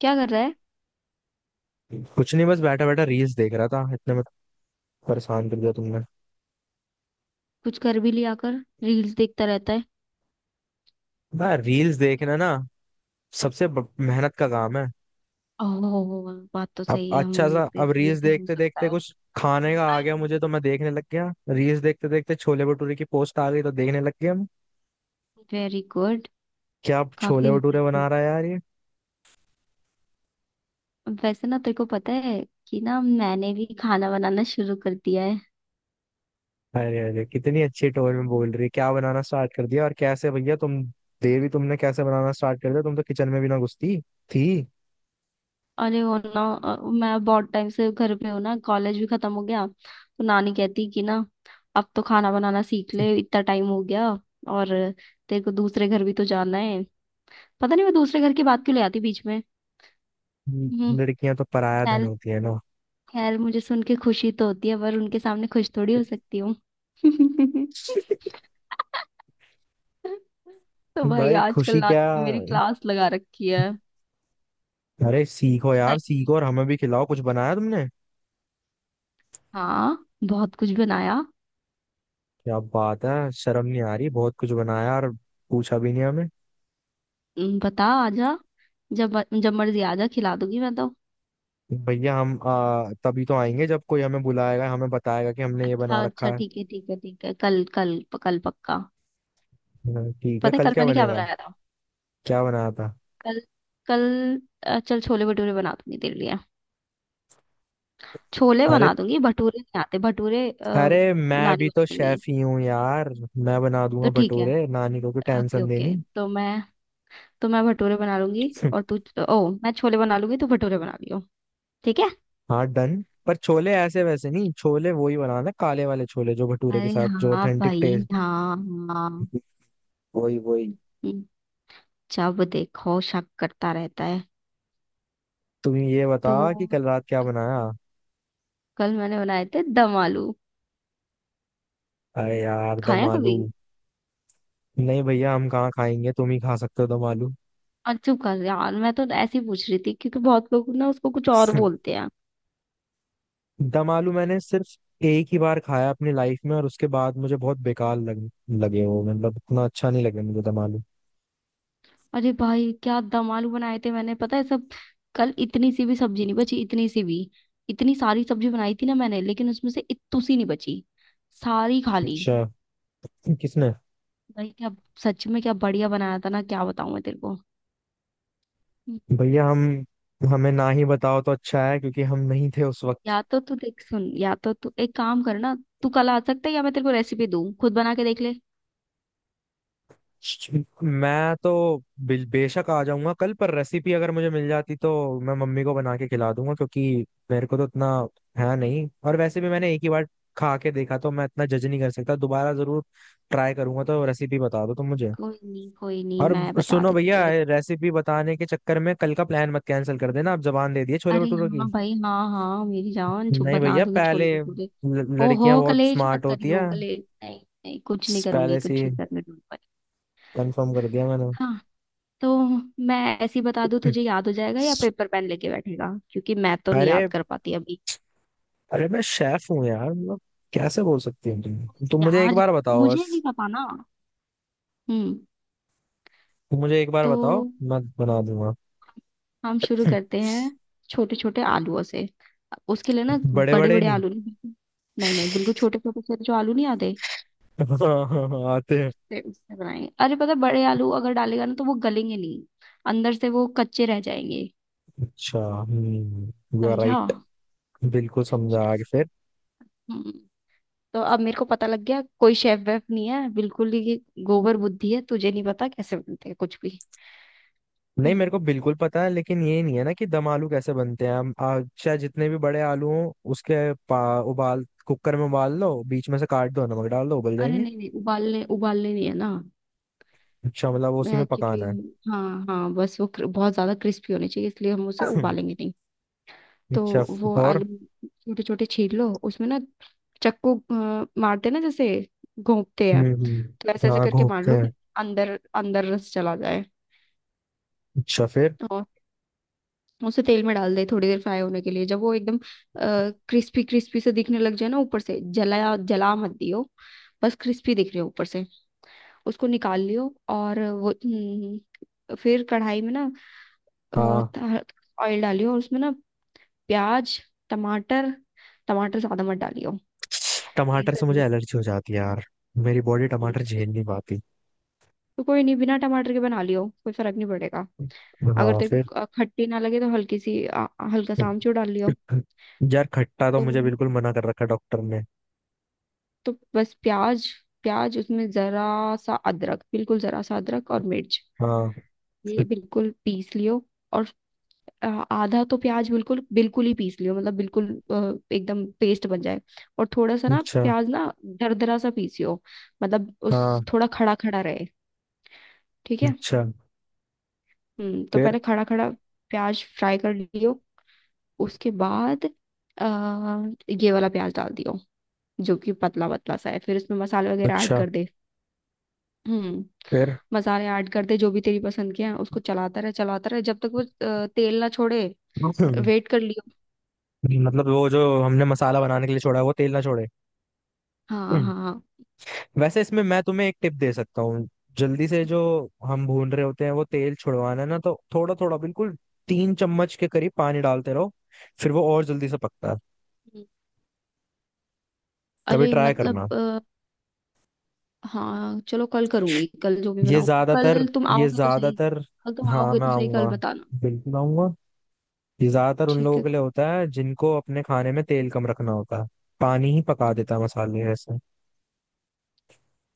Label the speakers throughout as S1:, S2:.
S1: क्या कर रहा है।
S2: कुछ नहीं। बस बैठा बैठा रील्स देख रहा था, इतने में परेशान कर दिया तुमने।
S1: कुछ कर भी लिया कर। रील्स देखता रहता है।
S2: भाई रील्स देखना ना सबसे मेहनत का काम है।
S1: ओह, बात तो
S2: अब
S1: सही है।
S2: अच्छा
S1: हम
S2: सा, अब
S1: तेरे लिए
S2: रील्स
S1: तो हो
S2: देखते
S1: सकता
S2: देखते
S1: है।
S2: कुछ खाने का आ गया मुझे, तो मैं देखने लग गया। रील्स देखते देखते छोले भटूरे की पोस्ट आ गई तो देखने लग गया मैं।
S1: Very good.
S2: क्या
S1: काफी
S2: छोले भटूरे बना
S1: इम्प्रेसिव।
S2: रहा है यार ये।
S1: वैसे ना तेरे को पता है कि ना, मैंने भी खाना बनाना शुरू कर दिया है।
S2: अरे अरे कितनी अच्छी टोन में बोल रही है। क्या बनाना स्टार्ट कर दिया और कैसे भैया तुम? देवी तुमने कैसे बनाना स्टार्ट कर दिया? तुम तो किचन में भी ना घुसती थी।
S1: अरे वो ना मैं बहुत टाइम से घर पे हूँ ना, कॉलेज भी खत्म हो गया तो नानी कहती कि ना, अब तो खाना बनाना सीख ले, इतना टाइम हो गया। और तेरे को दूसरे घर भी तो जाना है। पता नहीं मैं दूसरे घर की बात क्यों ले आती बीच में। हम्म।
S2: लड़कियां तो पराया धन होती है ना।
S1: खैर मुझे सुन के खुशी तो होती है, पर उनके सामने खुश थोड़ी हो सकती हूँ। तो भाई
S2: भाई
S1: आजकल
S2: खुशी क्या।
S1: नानी ने मेरी क्लास लगा रखी है।
S2: अरे सीखो यार
S1: सही-
S2: सीखो और हमें भी खिलाओ। कुछ बनाया तुमने?
S1: हाँ, बहुत कुछ बनाया।
S2: क्या बात है, शर्म नहीं आ रही। बहुत कुछ बनाया और पूछा भी नहीं हमें।
S1: बता आजा। जब जब मर्जी आजा, खिला दूंगी मैं तो।
S2: भैया हम तभी तो आएंगे जब कोई हमें बुलाएगा, हमें बताएगा कि हमने ये बना
S1: अच्छा अच्छा,
S2: रखा है।
S1: ठीक है ठीक है ठीक है, कल कल कल पक्का।
S2: हाँ, ठीक है,
S1: पता है
S2: कल
S1: कल
S2: क्या
S1: मैंने क्या
S2: बनेगा?
S1: बनाया था?
S2: क्या बनाया था?
S1: कल। कल। चल छोले भटूरे बना दूंगी तेरे लिए। छोले
S2: अरे
S1: बना दूंगी, भटूरे नहीं आते, भटूरे
S2: अरे मैं
S1: नानी
S2: भी तो
S1: बना देंगी।
S2: शेफ ही हूँ यार। मैं बना
S1: तो
S2: दूंगा
S1: ठीक है।
S2: भटूरे, नानी को कोई
S1: ओके
S2: टेंशन देनी।
S1: ओके, तो मैं भटूरे बना लूंगी और तू। ओ, मैं छोले बना लूंगी, तू भटूरे बना लियो। ठीक है।
S2: हाँ डन, पर छोले ऐसे वैसे नहीं, छोले वही बनाना, काले वाले छोले जो भटूरे के
S1: अरे
S2: साथ जो
S1: हाँ
S2: ऑथेंटिक
S1: भाई,
S2: टेस्ट।
S1: हाँ हाँ।
S2: वही वही।
S1: हम्म, जब देखो शक करता रहता है।
S2: तुम ये बताओ कि
S1: तो
S2: कल रात क्या बनाया।
S1: कल मैंने बनाए थे दम आलू।
S2: अरे यार दम
S1: खाया कभी?
S2: आलू। नहीं भैया, हम कहाँ खाएंगे, तुम ही खा सकते हो दम आलू।
S1: और चुप कर यार, मैं तो ऐसे ही पूछ रही थी क्योंकि बहुत लोग ना उसको कुछ और बोलते हैं।
S2: दम आलू मैंने सिर्फ एक ही बार खाया अपनी लाइफ में, और उसके बाद मुझे बहुत बेकार लगे वो। मतलब इतना अच्छा नहीं लगे मुझे दम आलू।
S1: अरे भाई क्या दम आलू बनाए थे मैंने, पता है सब। कल इतनी सी भी सब्जी नहीं बची, इतनी सी भी। इतनी सारी सब्जी बनाई थी ना मैंने, लेकिन उसमें से इत्तू सी नहीं बची। सारी खा ली।
S2: अच्छा, किसने?
S1: भाई क्या। सच में क्या बढ़िया बनाया था ना, क्या बताऊं मैं तेरे को।
S2: भैया हम, हमें ना ही बताओ तो अच्छा है क्योंकि हम नहीं थे उस वक्त।
S1: या तो तू देख सुन, या तो तू एक काम कर ना। तू कल आ सकता है, या मैं तेरे को रेसिपी दूं, खुद बना के देख ले।
S2: मैं तो बेशक आ जाऊंगा कल, पर रेसिपी अगर मुझे मिल जाती तो मैं मम्मी को बना के खिला दूंगा। क्योंकि मेरे को तो इतना है नहीं, और वैसे भी मैंने एक ही बार खा के देखा तो मैं इतना जज नहीं कर सकता। दोबारा जरूर ट्राई करूंगा, तो रेसिपी बता दो तुम मुझे।
S1: कोई नहीं कोई नहीं,
S2: और
S1: मैं बता
S2: सुनो
S1: देती
S2: भैया,
S1: हूँ।
S2: रेसिपी बताने के चक्कर में कल का प्लान मत कैंसिल कर देना। आप जबान दे दिए छोले
S1: अरे
S2: भटूरों की।
S1: हाँ भाई हाँ हाँ, मेरी जान छुप
S2: नहीं
S1: बना
S2: भैया,
S1: दूंगी छोले
S2: पहले
S1: भटूरे। ओहो,
S2: लड़कियां बहुत
S1: कलेश
S2: स्मार्ट
S1: मत
S2: होती
S1: करियो,
S2: है।
S1: कलेश नहीं। नहीं, कुछ नहीं करूंगी,
S2: पहले से
S1: कुछ नहीं करने दूंगी भाई।
S2: कंफर्म कर दिया मैंने।
S1: हाँ। तो मैं ऐसे ही बता दूं, तुझे याद हो जाएगा या पेपर पेन लेके बैठेगा? क्योंकि मैं तो नहीं
S2: अरे
S1: याद कर पाती अभी।
S2: अरे मैं शेफ हूँ यार, मतलब कैसे बोल सकती हो तुम? मुझे एक
S1: यार
S2: बार बताओ
S1: मुझे नहीं
S2: बस।
S1: पता ना। हम्म
S2: तुम मुझे एक बार
S1: तो
S2: बताओ, मैं बना दूंगा।
S1: हम शुरू करते हैं। छोटे छोटे आलूओं से। उसके लिए ना
S2: बड़े
S1: बड़े
S2: बड़े
S1: बड़े
S2: नहीं।
S1: आलू नहीं। नहीं नहीं, बिल्कुल छोटे छोटे से जो आलू नहीं आते।
S2: हाँ, हाँ, हाँ, आते हैं।
S1: उससे उससे बनाएंगे। अरे पता है, बड़े आलू अगर डालेगा ना तो वो गलेंगे नहीं, अंदर से वो कच्चे रह जाएंगे।
S2: अच्छा, यू आर
S1: समझा?
S2: राइट। बिल्कुल समझा,
S1: यस।
S2: आगे फिर।
S1: हम्म। तो अब मेरे को पता लग गया, कोई शेफ वेफ नहीं है बिल्कुल ही। गोबर बुद्धि है, तुझे नहीं पता कैसे बनते हैं कुछ भी।
S2: नहीं,
S1: हम्म,
S2: मेरे को बिल्कुल पता है, लेकिन ये नहीं है ना कि दम आलू कैसे बनते हैं। हम चाहे जितने भी बड़े आलू हों उसके पा, उबाल, कुकर में उबाल लो, बीच में से काट दो, नमक डाल दो, उबल
S1: अरे
S2: जाएंगे।
S1: नहीं नहीं, उबालने उबालने नहीं है ना।
S2: अच्छा, मतलब उसी में
S1: क्योंकि,
S2: पकाना है।
S1: हाँ हाँ, बस वो बहुत ज़्यादा क्रिस्पी होनी चाहिए, इसलिए हम उसे उबालेंगे नहीं। तो
S2: अच्छा।
S1: वो
S2: और
S1: आलू छोटे छोटे छील लो, उसमें ना चक्कू मारते ना, जैसे घोंपते हैं। तो ऐसे ऐसे
S2: हाँ
S1: करके मार
S2: घोपते
S1: लो कि
S2: हैं।
S1: अंदर अंदर रस चला जाए।
S2: अच्छा फिर।
S1: और उसे तेल में डाल दे थोड़ी देर फ्राई होने के लिए। जब वो एकदम क्रिस्पी क्रिस्पी से दिखने लग जाए ना ऊपर से, जलाया जला मत दियो। बस क्रिस्पी दिख रहे हो ऊपर से, उसको निकाल लियो। और वो फिर कढ़ाई में ना
S2: हाँ।
S1: ऑयल डालियो, और उसमें ना प्याज, टमाटर। टमाटर ज्यादा मत डालियो।
S2: टमाटर
S1: Taste
S2: से मुझे
S1: अजीब-
S2: एलर्जी हो जाती है यार, मेरी बॉडी
S1: हम्म,
S2: टमाटर
S1: तो
S2: झेल नहीं पाती।
S1: तो कोई नहीं, बिना टमाटर के बना लियो, कोई फर्क नहीं पड़ेगा। अगर
S2: हाँ
S1: तेरे
S2: फिर।
S1: को खट्टी ना लगे तो हल्का सा आमचूर डाल लियो।
S2: यार खट्टा तो
S1: तो
S2: मुझे बिल्कुल मना कर रखा डॉक्टर ने।
S1: तो बस प्याज प्याज उसमें जरा सा अदरक, बिल्कुल जरा सा अदरक और मिर्च।
S2: हाँ।
S1: ये बिल्कुल पीस लियो। और आधा तो प्याज बिल्कुल बिल्कुल ही पीस लियो, मतलब बिल्कुल एकदम पेस्ट बन जाए। और थोड़ा सा ना
S2: अच्छा।
S1: प्याज ना दरदरा सा पीसियो, मतलब
S2: हाँ।
S1: उस थोड़ा खड़ा खड़ा रहे। ठीक है।
S2: अच्छा
S1: तो
S2: फिर।
S1: पहले खड़ा खड़ा प्याज फ्राई कर लियो। उसके बाद आ, ये वाला प्याज डाल दियो जो कि पतला पतला सा है, फिर उसमें मसाले वगैरह ऐड
S2: अच्छा
S1: कर दे। हम्म
S2: फिर।
S1: मसाले ऐड कर दे जो भी तेरी पसंद के हैं, उसको चलाता रहे जब तक वो तेल ना छोड़े। वेट कर लियो।
S2: मतलब वो जो हमने मसाला बनाने के लिए छोड़ा है वो तेल ना छोड़े।
S1: हाँ हाँ।
S2: वैसे इसमें मैं तुम्हें एक टिप दे सकता हूँ। जल्दी से जो हम भून रहे होते हैं वो तेल छुड़वाना है ना, तो थोड़ा थोड़ा बिल्कुल, तीन चम्मच के करीब पानी डालते रहो, फिर वो और जल्दी से पकता है।
S1: हम्म।
S2: कभी
S1: अरे
S2: ट्राई
S1: मतलब,
S2: करना।
S1: हाँ चलो, कल करूंगी कल जो भी
S2: ये
S1: बनाऊं,
S2: ज्यादातर
S1: कल तुम
S2: ये
S1: आओगे तो सही।
S2: ज्यादातर
S1: कल तुम
S2: हाँ
S1: आओगे
S2: मैं
S1: तो सही,
S2: आऊंगा,
S1: कल बताना।
S2: बिल्कुल आऊंगा। ये ज्यादातर उन
S1: ठीक
S2: लोगों
S1: है।
S2: के लिए होता है जिनको अपने खाने में तेल कम रखना होता है। पानी ही पका देता है मसाले ऐसे।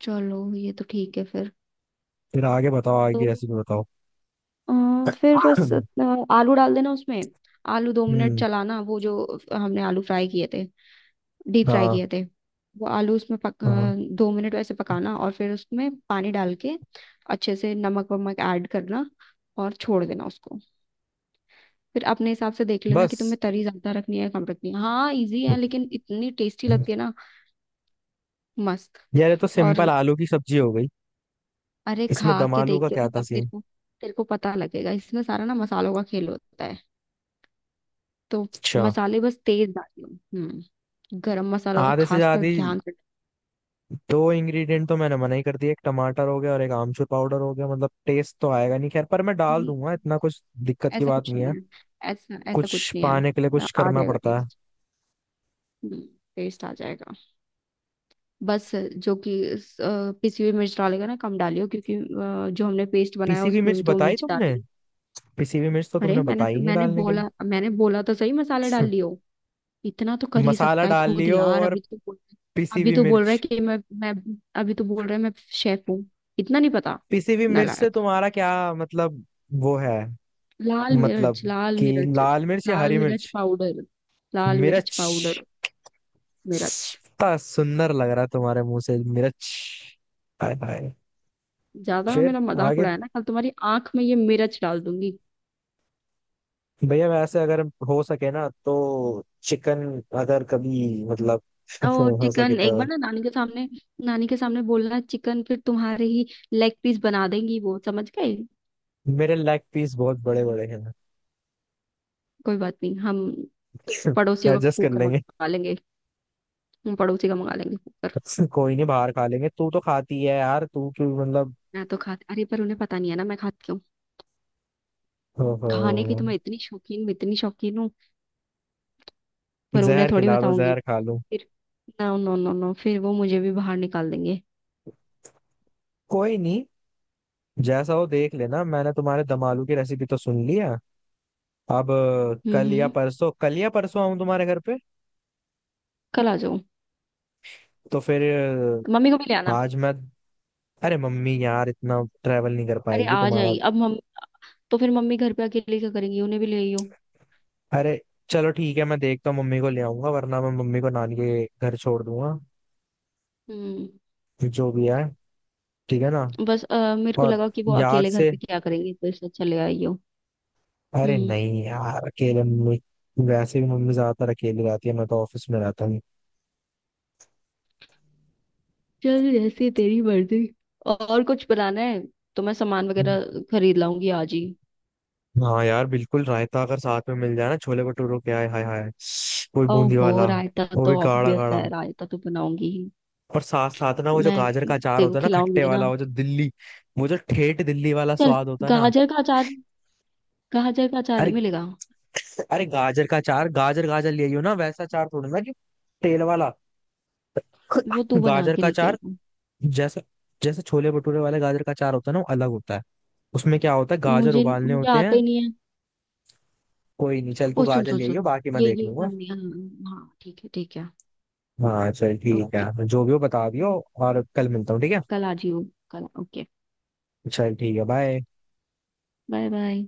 S1: चलो, ये तो ठीक है फिर।
S2: फिर आगे बताओ, आगे
S1: तो
S2: की रेसिपी बताओ।
S1: फिर बस आलू डाल देना उसमें। आलू दो मिनट
S2: हम्म,
S1: चलाना, वो जो हमने आलू फ्राई किए थे, डीप फ्राई
S2: हाँ
S1: किए थे, वो आलू उसमें
S2: हाँ
S1: दो मिनट वैसे पकाना, और फिर उसमें पानी डाल के अच्छे से नमक वमक ऐड करना, और छोड़ देना उसको। फिर अपने हिसाब से देख लेना कि तुम्हें
S2: बस।
S1: तरी ज्यादा रखनी है या कम रखनी है। हाँ, इजी है लेकिन इतनी टेस्टी लगती है ना, मस्त।
S2: यार ये तो सिंपल
S1: और
S2: आलू की सब्जी हो गई।
S1: अरे
S2: इसमें
S1: खा
S2: दम
S1: के
S2: आलू का
S1: देखियो
S2: क्या
S1: ना,
S2: था
S1: तब तेरे
S2: सीन?
S1: को, तेरे को पता लगेगा इसमें सारा ना मसालों का खेल होता है। तो
S2: अच्छा।
S1: मसाले बस तेज डालियो। हम्म। गरम मसाला तो
S2: आधे से
S1: खासकर
S2: ज्यादा
S1: ध्यान से।
S2: दो इंग्रेडिएंट तो मैंने मना ही कर दिया, एक टमाटर हो गया और एक आमचूर पाउडर हो गया, मतलब टेस्ट तो आएगा नहीं। खैर, पर मैं डाल
S1: हम्म,
S2: दूंगा, इतना कुछ दिक्कत की
S1: ऐसा
S2: बात
S1: कुछ
S2: नहीं
S1: नहीं
S2: है।
S1: है, ऐसा ऐसा कुछ
S2: कुछ
S1: नहीं है।
S2: पाने के लिए
S1: ना,
S2: कुछ
S1: आ
S2: करना
S1: जाएगा
S2: पड़ता है।
S1: टेस्ट। हम्म। टेस्ट आ जाएगा। बस जो कि पिसी हुई मिर्च डालेगा ना कम डालियो, क्योंकि जो हमने पेस्ट बनाया
S2: पिसी हुई
S1: उसमें
S2: मिर्च
S1: भी तो
S2: बताई
S1: मिर्च
S2: तुमने?
S1: डाली।
S2: पिसी हुई मिर्च तो
S1: अरे
S2: तुमने बताई नहीं डालने के
S1: मैंने बोला तो सही, मसाले डाल
S2: लिए।
S1: लियो। इतना तो कर ही
S2: मसाला
S1: सकता है
S2: डाल
S1: खुद
S2: लियो
S1: यार,
S2: और
S1: अभी तो बोल।
S2: पिसी
S1: अभी
S2: हुई
S1: तो बोल रहा है
S2: मिर्च।
S1: कि मैं, अभी तो बोल रहा है मैं शेफ हूँ। इतना नहीं पता।
S2: पिसी हुई मिर्च से
S1: नालायक।
S2: तुम्हारा क्या मतलब? वो है
S1: लाल मिर्च,
S2: मतलब
S1: लाल
S2: कि
S1: मिर्च।
S2: लाल मिर्च या
S1: लाल
S2: हरी
S1: मिर्च
S2: मिर्च?
S1: पाउडर। लाल मिर्च
S2: मिर्च।
S1: पाउडर। मिर्च।
S2: इतना सुंदर लग रहा है तुम्हारे मुंह से मिर्च। हाय हाय।
S1: ज्यादा
S2: फिर
S1: मेरा मजाक
S2: आगे।
S1: उड़ाया ना, कल तुम्हारी आंख में ये मिर्च डाल दूंगी।
S2: भैया वैसे अगर हो सके ना तो चिकन, अगर कभी, मतलब
S1: और
S2: हो सके
S1: चिकन
S2: तो।
S1: एक बार ना नानी के सामने, नानी के सामने बोलना चिकन, फिर तुम्हारे ही लेग पीस बना देंगी वो, समझ गए?
S2: मेरे लेग पीस बहुत बड़े बड़े हैं।
S1: कोई बात नहीं, हम पड़ोसियों का
S2: एडजस्ट कर
S1: कुकर
S2: लेंगे।
S1: मंगा लेंगे, हम पड़ोसी का मंगा लेंगे।
S2: कोई नहीं, बाहर खा लेंगे। तू तो खाती है यार, तू क्यों मतलब?
S1: मैं तो खाती, अरे पर उन्हें पता नहीं है ना, मैं खाती क्यों। खाने की
S2: ओहो,
S1: तो मैं इतनी शौकीन, इतनी शौकीन हूँ। पर उन्हें
S2: जहर
S1: थोड़ी
S2: खिला दो,
S1: बताऊंगी।
S2: जहर खा लो।
S1: फिर नो नो नो नो, फिर वो मुझे भी बाहर निकाल देंगे।
S2: कोई नहीं, जैसा हो देख लेना। मैंने तुम्हारे दम आलू की रेसिपी तो सुन लिया। अब कल या
S1: हम्म।
S2: परसों, कल या परसों आऊं तुम्हारे घर पे?
S1: कल आ जाओ,
S2: तो फिर
S1: मम्मी को भी ले आना।
S2: आज मैं। अरे मम्मी यार इतना ट्रैवल नहीं कर
S1: अरे
S2: पाएगी
S1: आ
S2: तुम्हारा।
S1: जाएंगी अब मम्मी। तो फिर मम्मी घर पे अकेले क्या करेंगी, उन्हें भी ले आइयो।
S2: अरे चलो ठीक है, मैं देखता हूँ, मम्मी को ले आऊंगा, वरना मैं मम्मी को नानी के घर छोड़ दूंगा।
S1: हम्म।
S2: जो भी है। ठीक है ना?
S1: बस मेरे को
S2: और
S1: लगा कि वो
S2: याद
S1: अकेले घर
S2: से।
S1: पे क्या करेंगे, तो इससे अच्छा ले आइयो।
S2: अरे
S1: हम्म।
S2: नहीं यार अकेले मम्मी। वैसे भी मम्मी ज्यादातर अकेली रहती है, मैं तो ऑफिस में रहता हूँ।
S1: चल जैसे तेरी मर्जी। और कुछ बनाना है तो मैं सामान वगैरह खरीद लाऊंगी आज ही।
S2: हाँ यार बिल्कुल, रायता अगर साथ में मिल जाए ना छोले भटूरों के, आए हाय हाय। कोई
S1: ओ
S2: बूंदी
S1: हो,
S2: वाला,
S1: रायता
S2: वो भी
S1: तो
S2: गाढ़ा
S1: ऑब्वियस है,
S2: गाढ़ा।
S1: रायता तो बनाऊंगी ही।
S2: और साथ साथ ना वो जो
S1: मैं
S2: गाजर का अचार
S1: तेरे को
S2: होता है ना, खट्टे
S1: खिलाऊंगी ना।
S2: वाला, वो जो दिल्ली, वो जो ठेठ दिल्ली वाला
S1: चल,
S2: स्वाद होता है ना।
S1: गाजर का अचार, गाजर का अचार नहीं
S2: अरे
S1: मिलेगा।
S2: अरे गाजर का चार, गाजर, गाजर ले आइयो ना, वैसा चार थोड़ी ना जो तेल वाला।
S1: वो तू बना
S2: गाजर
S1: के
S2: का
S1: लेके
S2: चार
S1: आई हूँ।
S2: जैसे, जैसे छोले भटूरे वाले गाजर का चार होता है ना, वो अलग होता है। उसमें क्या होता है, गाजर
S1: मुझे
S2: उबालने
S1: मुझे
S2: होते
S1: आता
S2: हैं।
S1: ही नहीं है।
S2: कोई नहीं, चल तू
S1: ओ सुन
S2: गाजर
S1: सुन
S2: ले
S1: सुन,
S2: आइयो, बाकी मैं
S1: ये
S2: देख
S1: ये
S2: लूंगा।
S1: करनी है। हाँ हाँ, ठीक है ठीक है।
S2: हाँ चल ठीक
S1: ओके।
S2: है, जो भी हो बता दियो। और कल मिलता हूँ, ठीक है?
S1: कल आ जियो, कल। ओके।
S2: चल ठीक है, बाय।
S1: Bye bye.